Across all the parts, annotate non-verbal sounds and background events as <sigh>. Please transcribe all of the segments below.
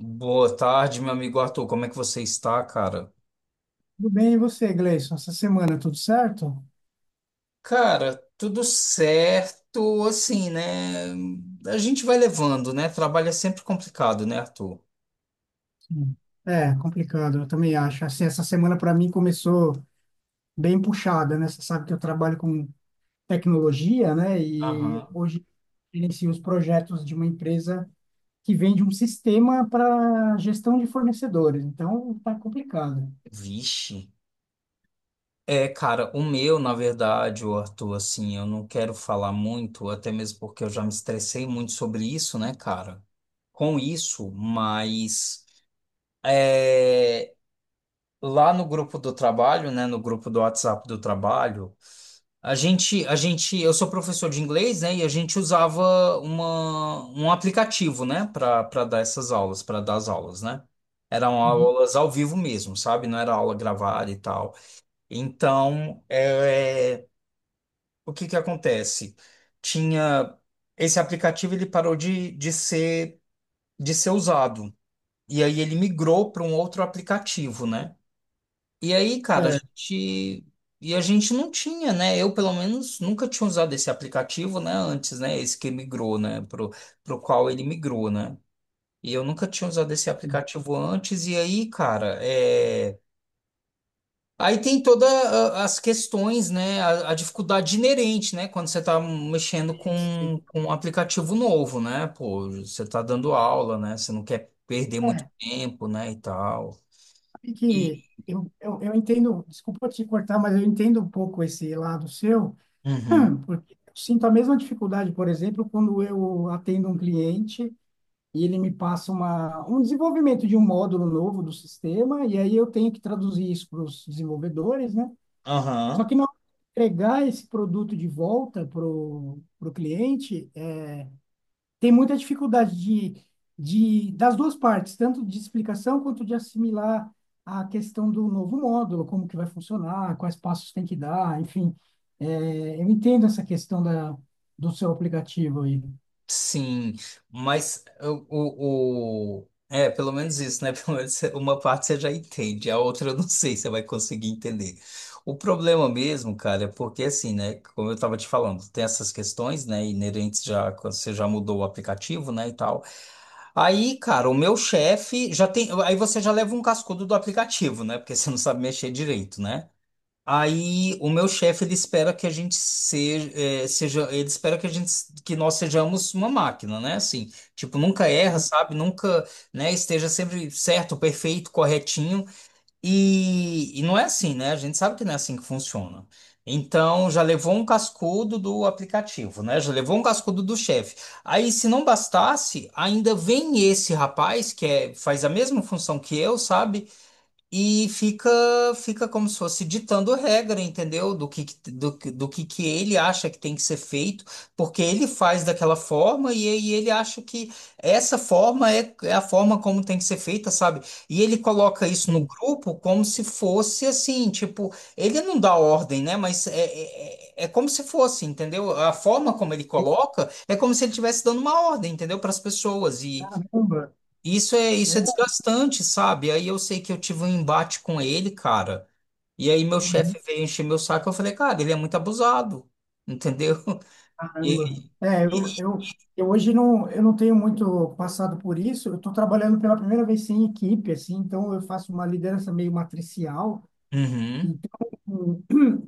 Boa tarde, meu amigo Arthur. Como é que você está, cara? Tudo bem, e você, Gleison? Essa semana tudo certo? Cara, tudo certo, assim, né? A gente vai levando, né? Trabalho é sempre complicado, né, Arthur? Sim. É, complicado, eu também acho. Assim, essa semana para mim começou bem puxada, né? Você sabe que eu trabalho com tecnologia, né? E Aham. hoje eu gerencio os projetos de uma empresa que vende um sistema para gestão de fornecedores. Então, tá complicado. Vixe. É, cara, o meu, na verdade, o Arthur, assim, eu não quero falar muito, até mesmo porque eu já me estressei muito sobre isso, né, cara? Com isso, mas é, lá no grupo do trabalho, né, no grupo do WhatsApp do trabalho. Eu sou professor de inglês, né? E a gente usava um aplicativo, né? Para dar as aulas, né? Eram Uhum. aulas ao vivo mesmo, sabe? Não era aula gravada e tal. Então, o que que acontece? Tinha esse aplicativo, ele parou de ser usado. E aí ele migrou para um outro aplicativo, né? E aí, cara, a Certo. gente. E a gente não tinha, né? Eu, pelo menos, nunca tinha usado esse aplicativo, né? Antes, né? Esse que migrou, né? Pro qual ele migrou, né? E eu nunca tinha usado esse aplicativo antes. E aí, cara. Aí tem todas as questões, né? A dificuldade inerente, né? Quando você tá mexendo com um aplicativo novo, né? Pô, você tá dando aula, né? Você não quer perder muito É, tempo, né? E tal. sabe E. que eu entendo, desculpa te cortar, mas eu entendo um pouco esse lado seu. Uhum. Porque eu sinto a mesma dificuldade, por exemplo, quando eu atendo um cliente e ele me passa um desenvolvimento de um módulo novo do sistema, e aí eu tenho que traduzir isso para os desenvolvedores, né? Só Aham. que na hora de entregar esse produto de volta para o cliente, tem muita dificuldade de das duas partes, tanto de explicação quanto de assimilar a questão do novo módulo, como que vai funcionar, quais passos tem que dar, enfim. É, eu entendo essa questão do seu aplicativo aí. Sim, mas pelo menos isso, né? <laughs> Pelo menos uma parte você já entende, a outra eu não sei se você vai conseguir entender. O problema mesmo, cara, é porque assim, né? Como eu tava te falando, tem essas questões, né? Inerentes já quando você já mudou o aplicativo, né? E tal. Aí, cara, o meu chefe já tem. Aí você já leva um cascudo do aplicativo, né? Porque você não sabe mexer direito, né? Aí o meu chefe ele espera que a gente seja, seja- ele espera que a gente que nós sejamos uma máquina, né? Assim, tipo, nunca erra, sabe? Nunca, né, esteja sempre certo, perfeito, corretinho. E não é assim, né? A gente sabe que não é assim que funciona. Então, já levou um cascudo do aplicativo, né? Já levou um cascudo do chefe. Aí, se não bastasse, ainda vem esse rapaz que faz a mesma função que eu, sabe? E fica como se fosse ditando regra, entendeu? Do que que ele acha que tem que ser feito, porque ele faz daquela forma e aí ele acha que essa forma é a forma como tem que ser feita, sabe? E ele coloca isso no Entendo. grupo como se fosse assim, tipo, ele não dá ordem, né? Mas é como se fosse, entendeu? A forma como ele coloca é como se ele estivesse dando uma ordem, entendeu? Para as pessoas. Caramba, Isso é é, desgastante, sabe? Aí eu sei que eu tive um embate com ele, cara. E aí meu chefe uhum, veio encher meu saco. Eu falei, cara, ele é muito abusado, entendeu? <laughs> E- caramba. É, eu hoje não, eu não tenho muito passado por isso. Eu estou trabalhando pela primeira vez sem equipe, assim, então eu faço uma liderança meio matricial. Uhum, Então,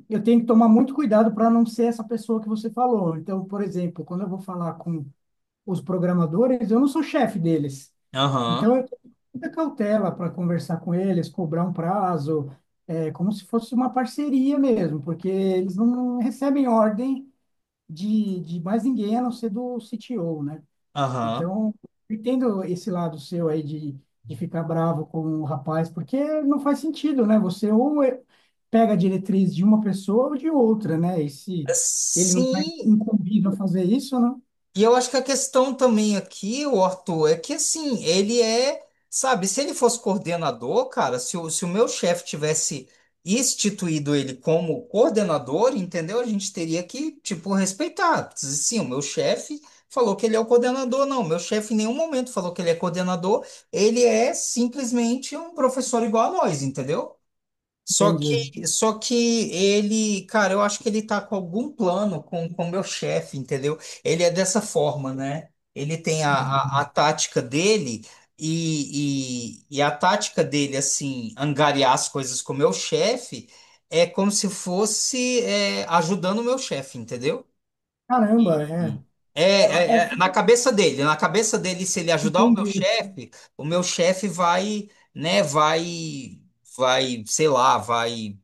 eu tenho que tomar muito cuidado para não ser essa pessoa que você falou. Então, por exemplo, quando eu vou falar com os programadores, eu não sou chefe deles. Então, aham, eu tenho muita cautela para conversar com eles, cobrar um prazo, é, como se fosse uma parceria mesmo, porque eles não recebem ordem de mais ninguém a não ser do CTO, né? aham. Então, eu entendo esse lado seu aí de ficar bravo com o rapaz, porque não faz sentido, né? Você ou pega a diretriz de uma pessoa ou de outra, né? E se ele não está Sim. incumbido a fazer isso, não? E eu acho que a questão também aqui, o Arthur, é que assim, sabe, se ele fosse coordenador, cara, se o meu chefe tivesse instituído ele como coordenador, entendeu? A gente teria que, tipo, respeitar. Sim, o meu chefe falou que ele é o coordenador, não, meu chefe em nenhum momento falou que ele é coordenador, ele é simplesmente um professor igual a nós, entendeu? Só Entendi. que, só que ele, cara, eu acho que ele tá com algum plano com o meu chefe, entendeu? Ele é dessa forma, né? Ele tem a tática dele e a tática dele, assim, angariar as coisas com o meu chefe é como se fosse ajudando o meu chefe, entendeu? Caramba, é. E- É, é, é Fica- na cabeça dele, se ele ajudar entendi. O meu chefe vai, né, sei lá, vai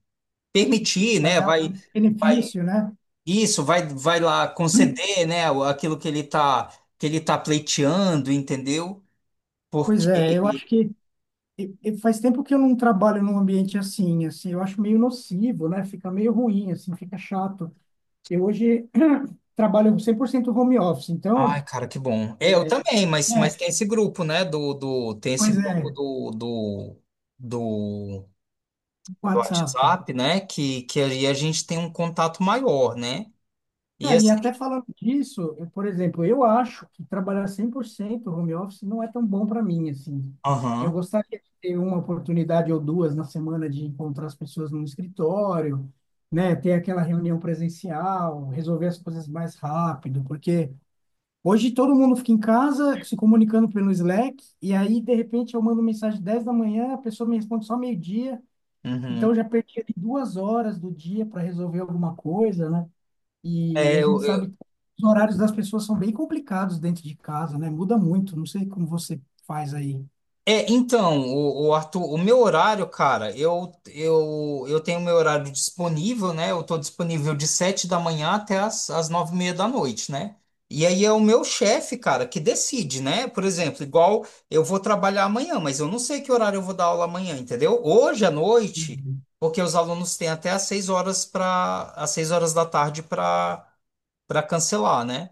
permitir, Vai né? dar Vai, um vai benefício, né? Isso, vai lá Hum. conceder, né? Aquilo que ele tá pleiteando, entendeu? Pois é, eu acho Porque, que e faz tempo que eu não trabalho num ambiente assim, assim, eu acho meio nocivo, né? Fica meio ruim, assim, fica chato. Eu hoje <clears throat> trabalho 100% home office, então, ai, cara, que bom. É, eu também, mas é, tem esse grupo, né? Tem esse pois é, grupo do, do WhatsApp. WhatsApp, né? Que aí a gente tem um contato maior, né? E Não, e assim, até falando disso, eu, por exemplo, eu acho que trabalhar 100% home office não é tão bom para mim, assim. Eu aham, gostaria de ter uma oportunidade ou duas na semana de encontrar as pessoas no escritório, né, ter aquela reunião presencial, resolver as coisas mais rápido, porque hoje todo mundo fica em casa se comunicando pelo Slack, e aí, de repente, eu mando mensagem 10 da manhã, a pessoa me responde só meio-dia. Então, uhum. eu já perdi ali 2 horas do dia para resolver alguma coisa, né? E É, a gente eu, sabe eu- que os horários das pessoas são bem complicados dentro de casa, né? Muda muito. Não sei como você faz aí. É, então, o Arthur, o meu horário, cara, eu tenho meu horário disponível, né? Eu tô disponível de 7 da manhã até as 9:30 da noite, né? E aí é o meu chefe, cara, que decide, né? Por exemplo, igual eu vou trabalhar amanhã, mas eu não sei que horário eu vou dar aula amanhã, entendeu? Hoje à noite, Entendi. porque os alunos têm até às 6 horas da tarde para cancelar, né?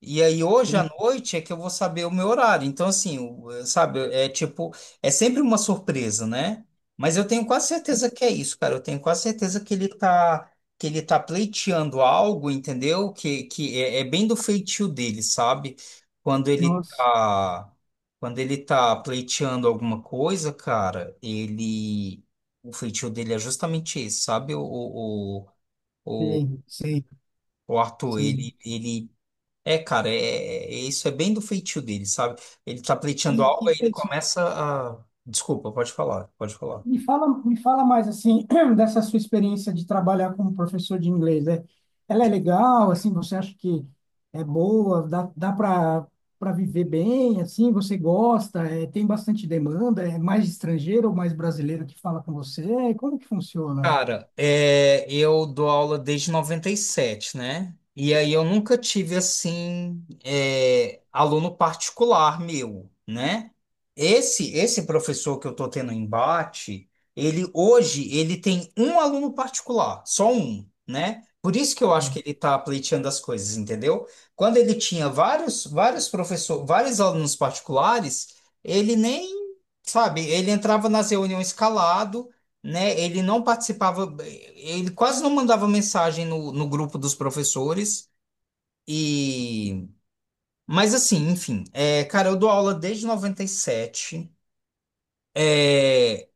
E aí hoje à Entende? noite é que eu vou saber o meu horário. Então, assim, sabe, é tipo, é sempre uma surpresa, né? Mas eu tenho quase certeza que é isso, cara. Eu tenho quase certeza que ele tá pleiteando algo, entendeu? Que é bem do feitio dele, sabe? Quando ele Nossa, tá, quando ele tá pleiteando alguma coisa, cara, ele, o feitio dele é justamente esse, sabe? O, o sei, sei, o Arthur, sei. Cara, isso é bem do feitio dele, sabe? Ele tá pleiteando E, algo, e aí ele começa a. Desculpa, pode falar, pode falar. me fala, me fala mais assim <clears throat> dessa sua experiência de trabalhar como professor de inglês. É, ela é legal, assim, você acha que é boa, dá, dá para para viver bem, assim, você gosta, é, tem bastante demanda, é mais estrangeiro ou mais brasileiro que fala com você? Como que funciona? Cara, eu dou aula desde 97, né? E aí eu nunca tive, assim, aluno particular meu, né? Esse professor que eu tô tendo embate, ele hoje, ele tem um aluno particular, só um, né? Por isso que eu acho que ele tá pleiteando as coisas, entendeu? Quando ele tinha vários, vários professores, vários alunos particulares, ele nem, sabe, ele entrava nas reuniões calado, né? Ele não participava, ele quase não mandava mensagem no grupo dos professores. E, mas assim, enfim, cara, eu dou aula desde 97. É,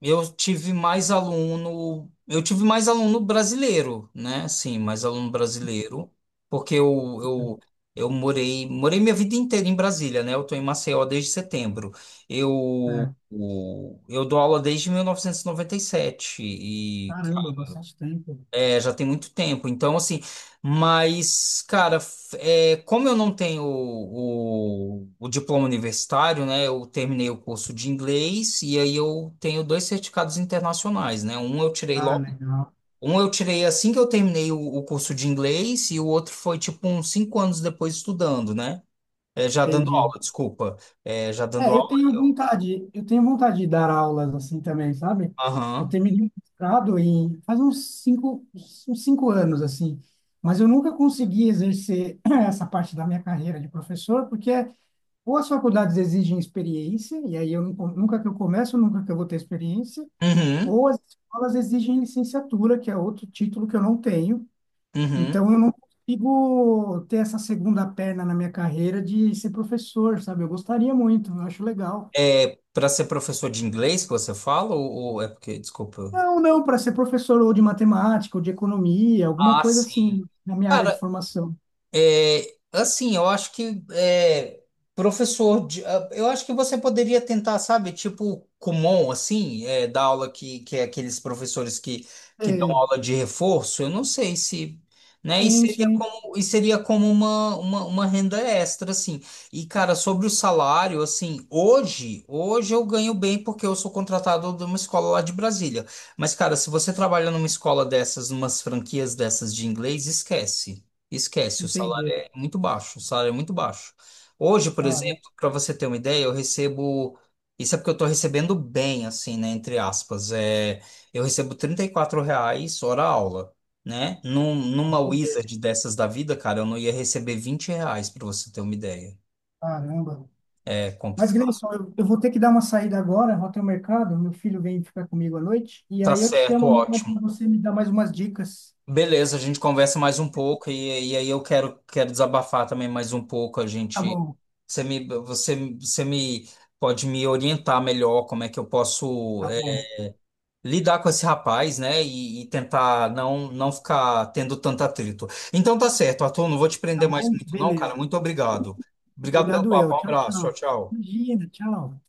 eu tive mais aluno brasileiro, né? Sim, mais aluno brasileiro, porque eu morei minha vida inteira em Brasília, né? Eu tô em Maceió desde setembro. É, Eu, é, o- eu dou aula desde 1997 e noventa e caramba, sete e bastante tempo. É, já tem muito tempo, então assim, mas, cara, como eu não tenho o diploma universitário, né? Eu terminei o curso de inglês e aí eu tenho dois certificados internacionais, né? Um eu tirei Ah, logo, legal. um eu tirei assim que eu terminei o curso de inglês e o outro foi tipo uns 5 anos depois estudando, né? É, já dando Entendi. aula, desculpa. É, já dando É, aula eu. Eu tenho vontade de dar aulas assim também, sabe? Eu Aham. tenho me limitado em faz uns cinco anos assim, mas eu nunca consegui exercer <clears throat> essa parte da minha carreira de professor, porque ou as faculdades exigem experiência, e aí eu não, nunca que eu começo, nunca que eu vou ter experiência, Uhum. ou as escolas exigem licenciatura, que é outro título que eu não tenho, Uhum. então eu não consigo ter essa segunda perna na minha carreira de ser professor, sabe? Eu gostaria muito, eu acho legal. É, para ser professor de inglês que você fala, ou é porque, desculpa. Não, não, para ser professor ou de matemática ou de economia, alguma Ah, coisa sim. assim, na minha área de Cara, formação. Assim, eu acho que é, professor, ah, eu acho que você poderia tentar, sabe, tipo Kumon, assim, dar aula que é aqueles professores que dão Sei. aula de reforço, eu não sei se, né, Sim, sim, e seria como uma renda extra, assim. E, cara, sobre o salário, assim, hoje eu ganho bem porque eu sou contratado de uma escola lá de Brasília. Mas, cara, se você trabalha numa escola dessas, numas franquias dessas de inglês, esquece. Esquece, o salário entendi. é muito baixo, o salário é muito baixo. Hoje, por Caramba, exemplo, para você ter uma ideia, eu recebo, isso é porque eu estou recebendo bem, assim, né, entre aspas, eu recebo R$ 34 hora aula, né? Numa entendi. Wizard dessas da vida, cara, eu não ia receber R$ 20, para você ter uma ideia. Caramba. É Mas, complicado. Gleison, eu vou ter que dar uma saída agora, vou até o mercado, meu filho vem ficar comigo à noite, e Tá aí eu te chamo certo, amanhã ótimo. para você me dar mais umas dicas. Beleza, a gente conversa mais um pouco e aí eu quero desabafar também mais um pouco. Tá bom, você me pode me orientar melhor como é que eu posso tá bom, lidar com esse rapaz, né? E tentar não ficar tendo tanto atrito. Então tá certo, Arthur, não vou te tá prender mais bom? muito não, cara. Beleza. Muito obrigado. Obrigado pelo Obrigado papo, eu. um Tchau, abraço, tchau, tchau. tchau. Imagina, tchau.